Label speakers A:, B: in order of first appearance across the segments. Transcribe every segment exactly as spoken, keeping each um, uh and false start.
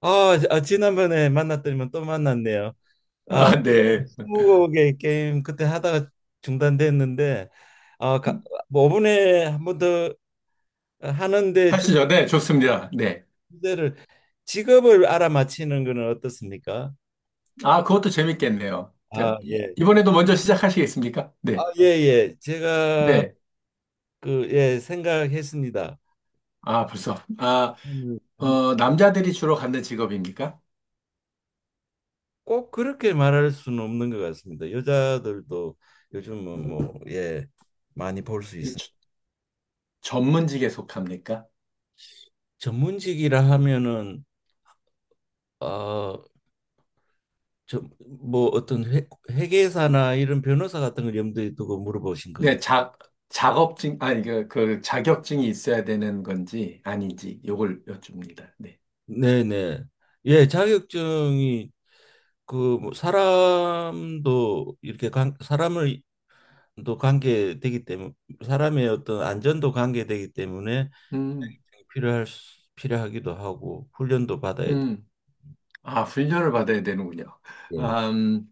A: 아, 아, 지난번에 만났더니만 또 만났네요. 아,
B: 아, 네.
A: 스무고개 게임 그때 하다가 중단됐는데, 아, 가, 뭐 오 분에 한 번 더 하는데 주-
B: 하시죠. 네, 좋습니다. 네.
A: 주제를 직업을 알아맞히는 거는 어떻습니까?
B: 아, 그것도 재밌겠네요.
A: 아,
B: 자, 이-
A: 예.
B: 이번에도 먼저 시작하시겠습니까?
A: 아,
B: 네.
A: 예, 예. 제가
B: 네.
A: 그, 예, 생각했습니다.
B: 아, 벌써. 아,
A: 음, 한번
B: 어, 남자들이 주로 갖는 직업입니까?
A: 꼭 그렇게 말할 수는 없는 것 같습니다. 여자들도 요즘은 뭐, 예, 많이 볼 수
B: 이
A: 있습니다.
B: 주- 전문직에 속합니까?
A: 전문직이라 하면은 아, 저뭐 어떤 회, 회계사나 이런 변호사 같은 걸 염두에 두고 물어보신 건가요?
B: 네, 자, 작업증, 아니, 그, 그 자격증이 있어야 되는 건지 아닌지 요걸 여쭙니다. 네.
A: 네네. 예, 자격증이 그뭐 사람도 이렇게 관, 사람을 또 관계되기 때문에 사람의 어떤 안전도 관계되기 때문에
B: 음,
A: 필요할 수- 필요하기도 하고 훈련도 받아야 돼.
B: 음. 아, 훈련을 받아야 되는군요.
A: 예.
B: 아, 음,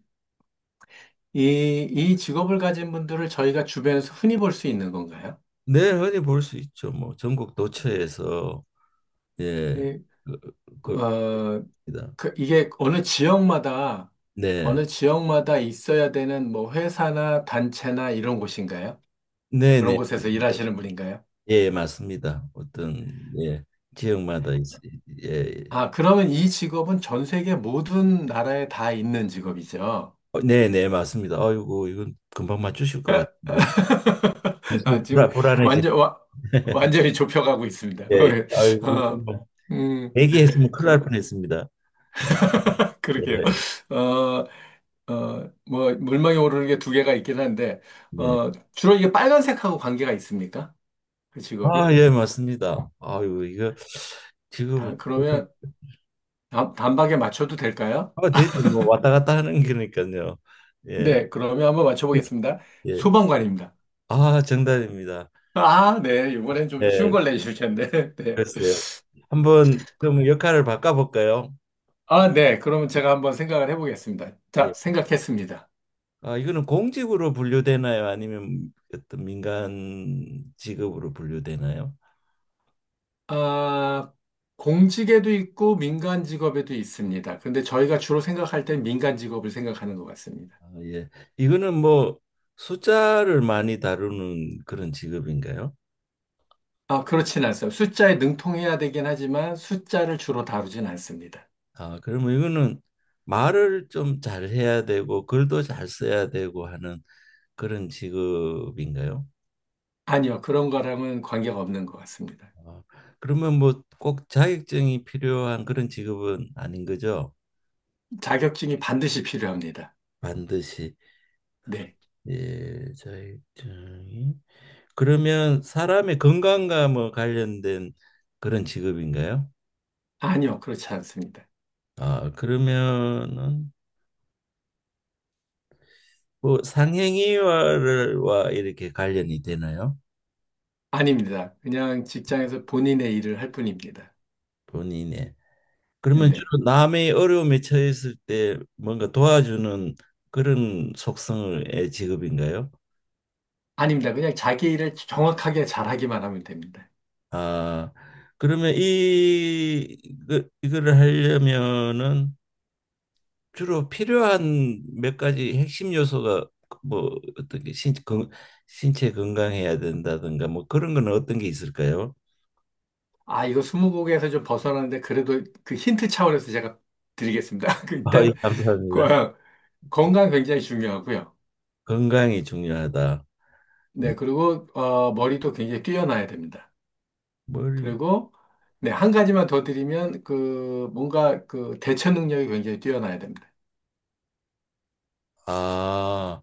B: 이, 이 직업을 가진 분들을 저희가 주변에서 흔히 볼 수 있는 건가요?
A: 네, 흔히 볼 수 있죠. 뭐 전국 도처에서 예,
B: 예,
A: 그,
B: 어,
A: 그렇습니다.
B: 그 이게 어느 지역마다,
A: 네,
B: 어느 지역마다 있어야 되는 뭐 회사나 단체나 이런 곳인가요?
A: 네,
B: 그런
A: 네.
B: 곳에서 일하시는 분인가요?
A: 예, 맞습니다. 어떤 예, 지역마다 있, 예.
B: 아, 그러면 이 직업은 전 세계 모든 나라에 다 있는 직업이죠.
A: 어, 네, 네, 맞습니다. 아이고, 이건 금방 맞추실 것 같은데. 벌써
B: 아, 지금
A: 불안, 불안해지네.
B: 완전, 와, 완전히 좁혀가고 있습니다.
A: 예, 아이고,
B: 어,
A: 이건
B: 음,
A: 얘기했으면 큰일 날
B: 그러,
A: 뻔했습니다.
B: 그러게요.
A: 네,
B: 어, 어, 뭐, 물망에 오르는 게 두 개가 있긴 한데,
A: 네.
B: 어, 주로 이게 빨간색하고 관계가 있습니까? 그 직업이?
A: 아, 예, 맞습니다. 아이고, 이거 지금
B: 다, 그러면 단, 단박에 맞춰도 될까요?
A: 아, 대체 뭐 왔다 갔다 하는 거니까요. 예,
B: 네, 그러면 한번 맞춰보겠습니다.
A: 예.
B: 소방관입니다.
A: 아, 정답입니다.
B: 아, 네, 이번엔 좀 쉬운
A: 예,
B: 걸 내주실 텐데. 네.
A: 글쎄요. 한번 좀 역할을 바꿔볼까요?
B: 아, 네, 그러면 제가 한번 생각을 해보겠습니다.
A: 예.
B: 자, 생각했습니다.
A: 아, 이거는 공직으로 분류되나요? 아니면 어떤 민간 직업으로 분류되나요?
B: 아, 공직에도 있고 민간 직업에도 있습니다. 근데 저희가 주로 생각할 때 민간 직업을 생각하는 것 같습니다.
A: 아, 예. 이거는 뭐 숫자를 많이 다루는 그런 직업인가요?
B: 아, 그렇진 않습니다. 숫자에 능통해야 되긴 하지만 숫자를 주로 다루진 않습니다.
A: 아, 그러면 이거는 말을 좀 잘해야 되고 글도 잘 써야 되고 하는 그런 직업인가요?
B: 아니요, 그런 거랑은 관계가 없는 것 같습니다.
A: 아, 그러면 뭐 꼭 자격증이 필요한 그런 직업은 아닌 거죠?
B: 자격증이 반드시 필요합니다.
A: 반드시
B: 네.
A: 예, 자격증이 그러면 사람의 건강과 뭐 관련된 그런 직업인가요?
B: 아니요, 그렇지 않습니다.
A: 아, 그러면은 뭐 상행위와 이렇게 관련이 되나요?
B: 아닙니다. 그냥 직장에서 본인의 일을 할 뿐입니다.
A: 본인의. 그러면
B: 네.
A: 주로 남의 어려움에 처했을 때 뭔가 도와주는 그런 속성의 직업인가요?
B: 아닙니다. 그냥 자기 일을 정확하게 잘하기만 하면 됩니다.
A: 아, 그러면 이, 그, 이거를 하려면은 주로 필요한 몇 가지 핵심 요소가 뭐 어떤 게 신, 건, 신체 건강해야 된다든가 뭐 그런 건 어떤 게 있을까요?
B: 아, 이거 스무고개에서 좀 벗어나는데 그래도 그 힌트 차원에서 제가 드리겠습니다. 그
A: 아, 예,
B: 일단
A: 감사합니다.
B: 거- 건강 굉장히 중요하고요.
A: 건강이 중요하다. 예.
B: 네, 그리고 어, 머리도 굉장히 뛰어나야 됩니다.
A: 머리.
B: 그리고 네, 한 가지만 더 드리면 그 뭔가 그 대처 능력이 굉장히 뛰어나야 됩니다.
A: 아,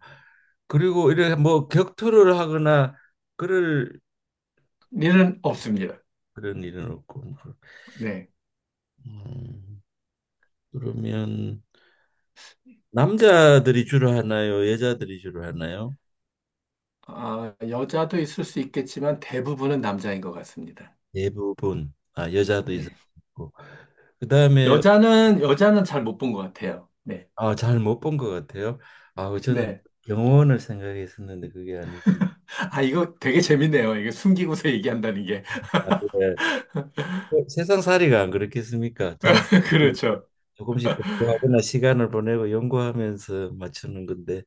A: 그리고 이래 뭐 격투를 하거나 그럴
B: 일은 없습니다.
A: 그런 일은 없고.
B: 네.
A: 음, 그러면 남자들이 주로 하나요? 여자들이 주로 하나요?
B: 아, 여자도 있을 수 있겠지만 대부분은 남자인 것 같습니다.
A: 대부분. 아, 여자도
B: 네.
A: 있었고. 그다음에
B: 여자는, 여자는 잘 못 본 것 같아요. 네.
A: 아, 잘 못 본 것 같아요. 아, 그 저는
B: 네.
A: 영혼을 생각했었는데 그게 아니고
B: 아, 이거 되게 재밌네요. 이게 숨기고서 얘기한다는 게.
A: 아, 그래. 어, 세상 살이가 안 그렇겠습니까? 잘
B: 그렇죠.
A: 조금씩 공부하거나 시간을 보내고 연구하면서 맞추는 건데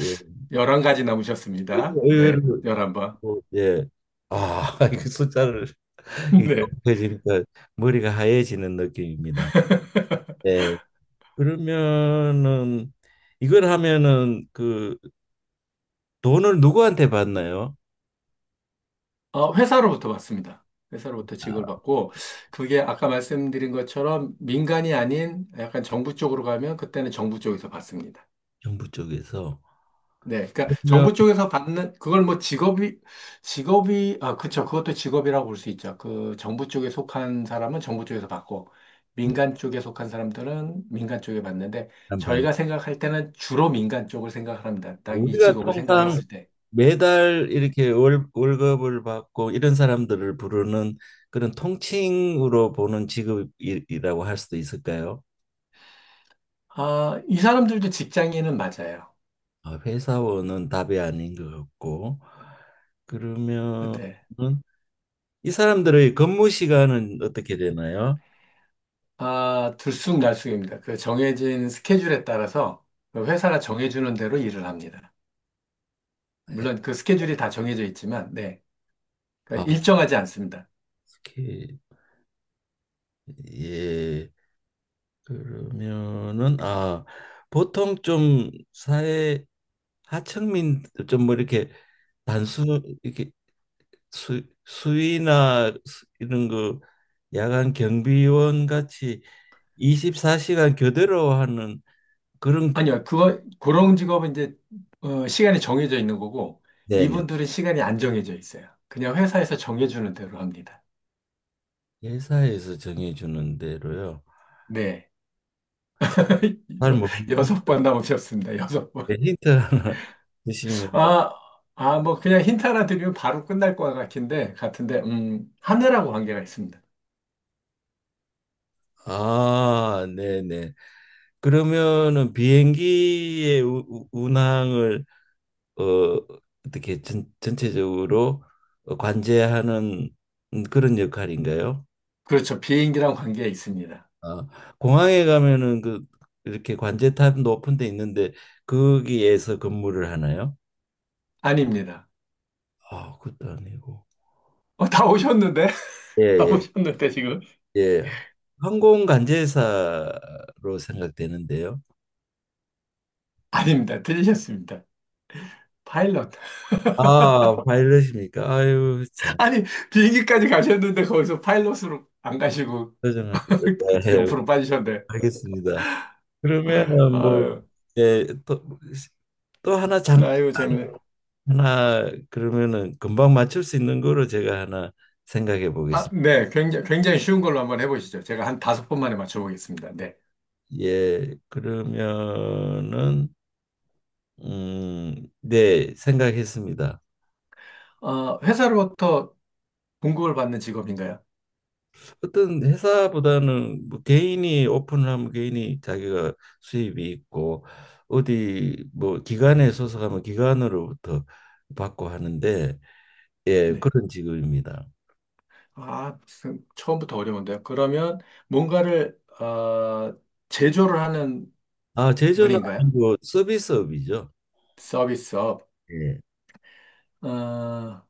A: 예,
B: 열한 가지 남으셨습니다. 네.
A: 의외로
B: 열한 번.
A: 뭐, 예, 아, 이 숫자를
B: 네.
A: 이해지니까 머리가 하얘지는 느낌입니다. 예, 그러면은 이걸 하면은 그 돈을 누구한테 받나요?
B: 어, 회사로부터 받습니다. 회사로부터 직을 받고, 그게 아까 말씀드린 것처럼 민간이 아닌 약간 정부 쪽으로 가면 그때는 정부 쪽에서 받습니다.
A: 정부 쪽에서?
B: 네, 그러니까
A: 그러면
B: 정부 쪽에서 받는 그걸 뭐 직업이 직업이 아 그쵸 그것도 직업이라고 볼 수 있죠. 그 정부 쪽에 속한 사람은 정부 쪽에서 받고 민간 쪽에 속한 사람들은 민간 쪽에 받는데
A: 한반
B: 저희가 생각할 때는 주로 민간 쪽을 생각 합니다. 딱 이
A: 우리가
B: 직업을
A: 통상
B: 생각했을 때.
A: 매달 이렇게 월, 월급을 받고 이런 사람들을 부르는 그런 통칭으로 보는 직업이라고 할 수도 있을까요?
B: 아, 이 사람들도 직장인은 맞아요.
A: 아, 회사원은 답이 아닌 것 같고 그러면은
B: 네,
A: 이 사람들의 근무 시간은 어떻게 되나요?
B: 아, 들쑥날쑥입니다. 그 정해진 스케줄에 따라서 그 회사가 정해주는 대로 일을 합니다. 물론 그 스케줄이 다 정해져 있지만 네.
A: 아,
B: 그러니까 일정하지 않습니다.
A: 이렇게 예 그러면은 아 보통 좀 사회 하층민 좀 뭐 이렇게 단순 이렇게 수, 수위나 수- 이런 그 야간 경비원 같이 이십사 시간 교대로 하는 그런 그-
B: 아니요, 그거, 그런 직업은 이제, 어, 시간이 정해져 있는 거고,
A: 네네.
B: 이분들은 시간이 안 정해져 있어요. 그냥 회사에서 정해주는 대로 합니다.
A: 회사에서 정해주는 대로요.
B: 네.
A: 잘
B: 여, 여섯
A: 모르겠는데
B: 번 나오셨습니다. 여섯 번.
A: 힌트 하나 주시면
B: 아, 아, 뭐, 그냥 힌트 하나 드리면 바로 끝날 것 같은데, 같은데, 음, 하늘하고 관계가 있습니다.
A: 아, 네네. 그러면은 비행기의 우- 우- 운항을 어, 어떻게 전, 전체적으로 관제하는 그런 역할인가요?
B: 그렇죠. 비행기랑 관계가 있습니다.
A: 아, 공항에 가면은 그 이렇게 관제탑 높은 데 있는데 거기에서 근무를 하나요?
B: 아닙니다.
A: 아, 그것도 아니고.
B: 어, 다 오셨는데?
A: 예,
B: 다
A: 예,
B: 오셨는데, 지금?
A: 예. 항공 관제사로 생각되는데요.
B: 아닙니다. 들리셨습니다. 파일럿.
A: 아, 파일럿입니까? 아유, 참.
B: 아니, 비행기까지 가셨는데 거기서 파일럿으로 안 가시고
A: 표정을.
B: 그
A: 네,
B: 옆으로 빠지셨네.
A: 알겠습니다. 그러면은 뭐,
B: 아유,
A: 예, 또, 또 하나 장,
B: 아유, 재밌네.
A: 하나, 그러면은 금방 맞출 수 있는 거로 제가 하나 생각해
B: 아,
A: 보겠습니다.
B: 네. 굉장히, 굉장히 쉬운 걸로 한번 해보시죠. 제가 한 다섯 번 만에 맞춰보겠습니다. 네.
A: 예, 그러면은 음, 네, 생각했습니다.
B: 어, 회사로부터 봉급을 받는 직업인가요?
A: 어떤 회사보다는 뭐 개인이 오픈을 하면 개인이 자기가 수입이 있고 어디 뭐 기관에 소속하면 기관으로부터 받고 하는데 예,
B: 네.
A: 그런 직업입니다.
B: 아, 무슨, 처음부터 어려운데요. 그러면 뭔가를, 어, 제조를 하는
A: 아, 제조는
B: 분인가요?
A: 아니고 서비스업이죠.
B: 서비스업.
A: 예.
B: 어,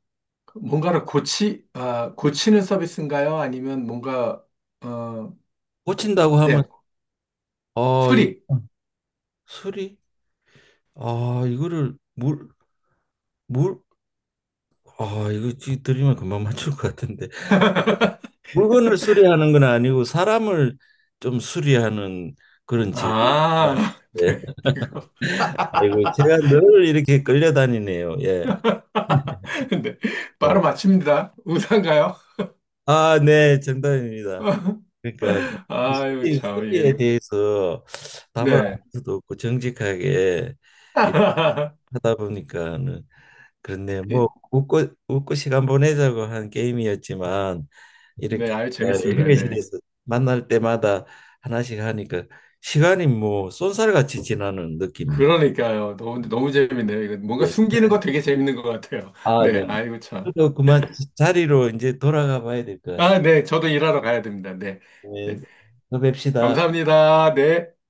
B: 뭔가를 고치, 아, 고치는 서비스인가요? 아니면 뭔가, 어,
A: 고친다고 하면
B: 네,
A: 아, 이-
B: 수리.
A: 수리? 아, 이거를 물 물 아, 이거 지- 드리면 금방 맞출 것 같은데. 물건을 수리하는 건 아니고 사람을 좀 수리하는 그런 직업입니다.
B: 아,
A: 예.
B: 네, 이거.
A: 아이고, 제가 늘 이렇게 끌려다니네요. 예.
B: 네,
A: 예.
B: 바로 맞춥니다. 우산가요?
A: 아, 네, 정답입니다. 그러니까 그
B: 아유,
A: 수리,
B: 참, 이거,
A: 수리에 대해서 답을 안
B: 네.
A: 수도 없고 정직하게 예, 하다 보니까는 그런데 뭐
B: 이-
A: 웃고 웃고 시간 보내자고 한 게임이었지만 이렇게
B: 네, 아유,
A: 어,
B: 재밌습니다. 네.
A: 휴게실에서 만날 때마다 하나씩 하니까 시간이 뭐 쏜살같이 지나는 느낌이.
B: 그러니까요. 너무, 너무 재밌네요. 이거 뭔가
A: 예.
B: 숨기는 거 되게 재밌는 것 같아요.
A: 아,
B: 네,
A: 네.
B: 아이고, 참.
A: 저도 그만 자리로 이제 돌아가 봐야 될 것
B: 아,
A: 같습니다.
B: 네, 저도 일하러 가야 됩니다. 네.
A: 네,
B: 네.
A: 또 뵙시다.
B: 감사합니다. 네.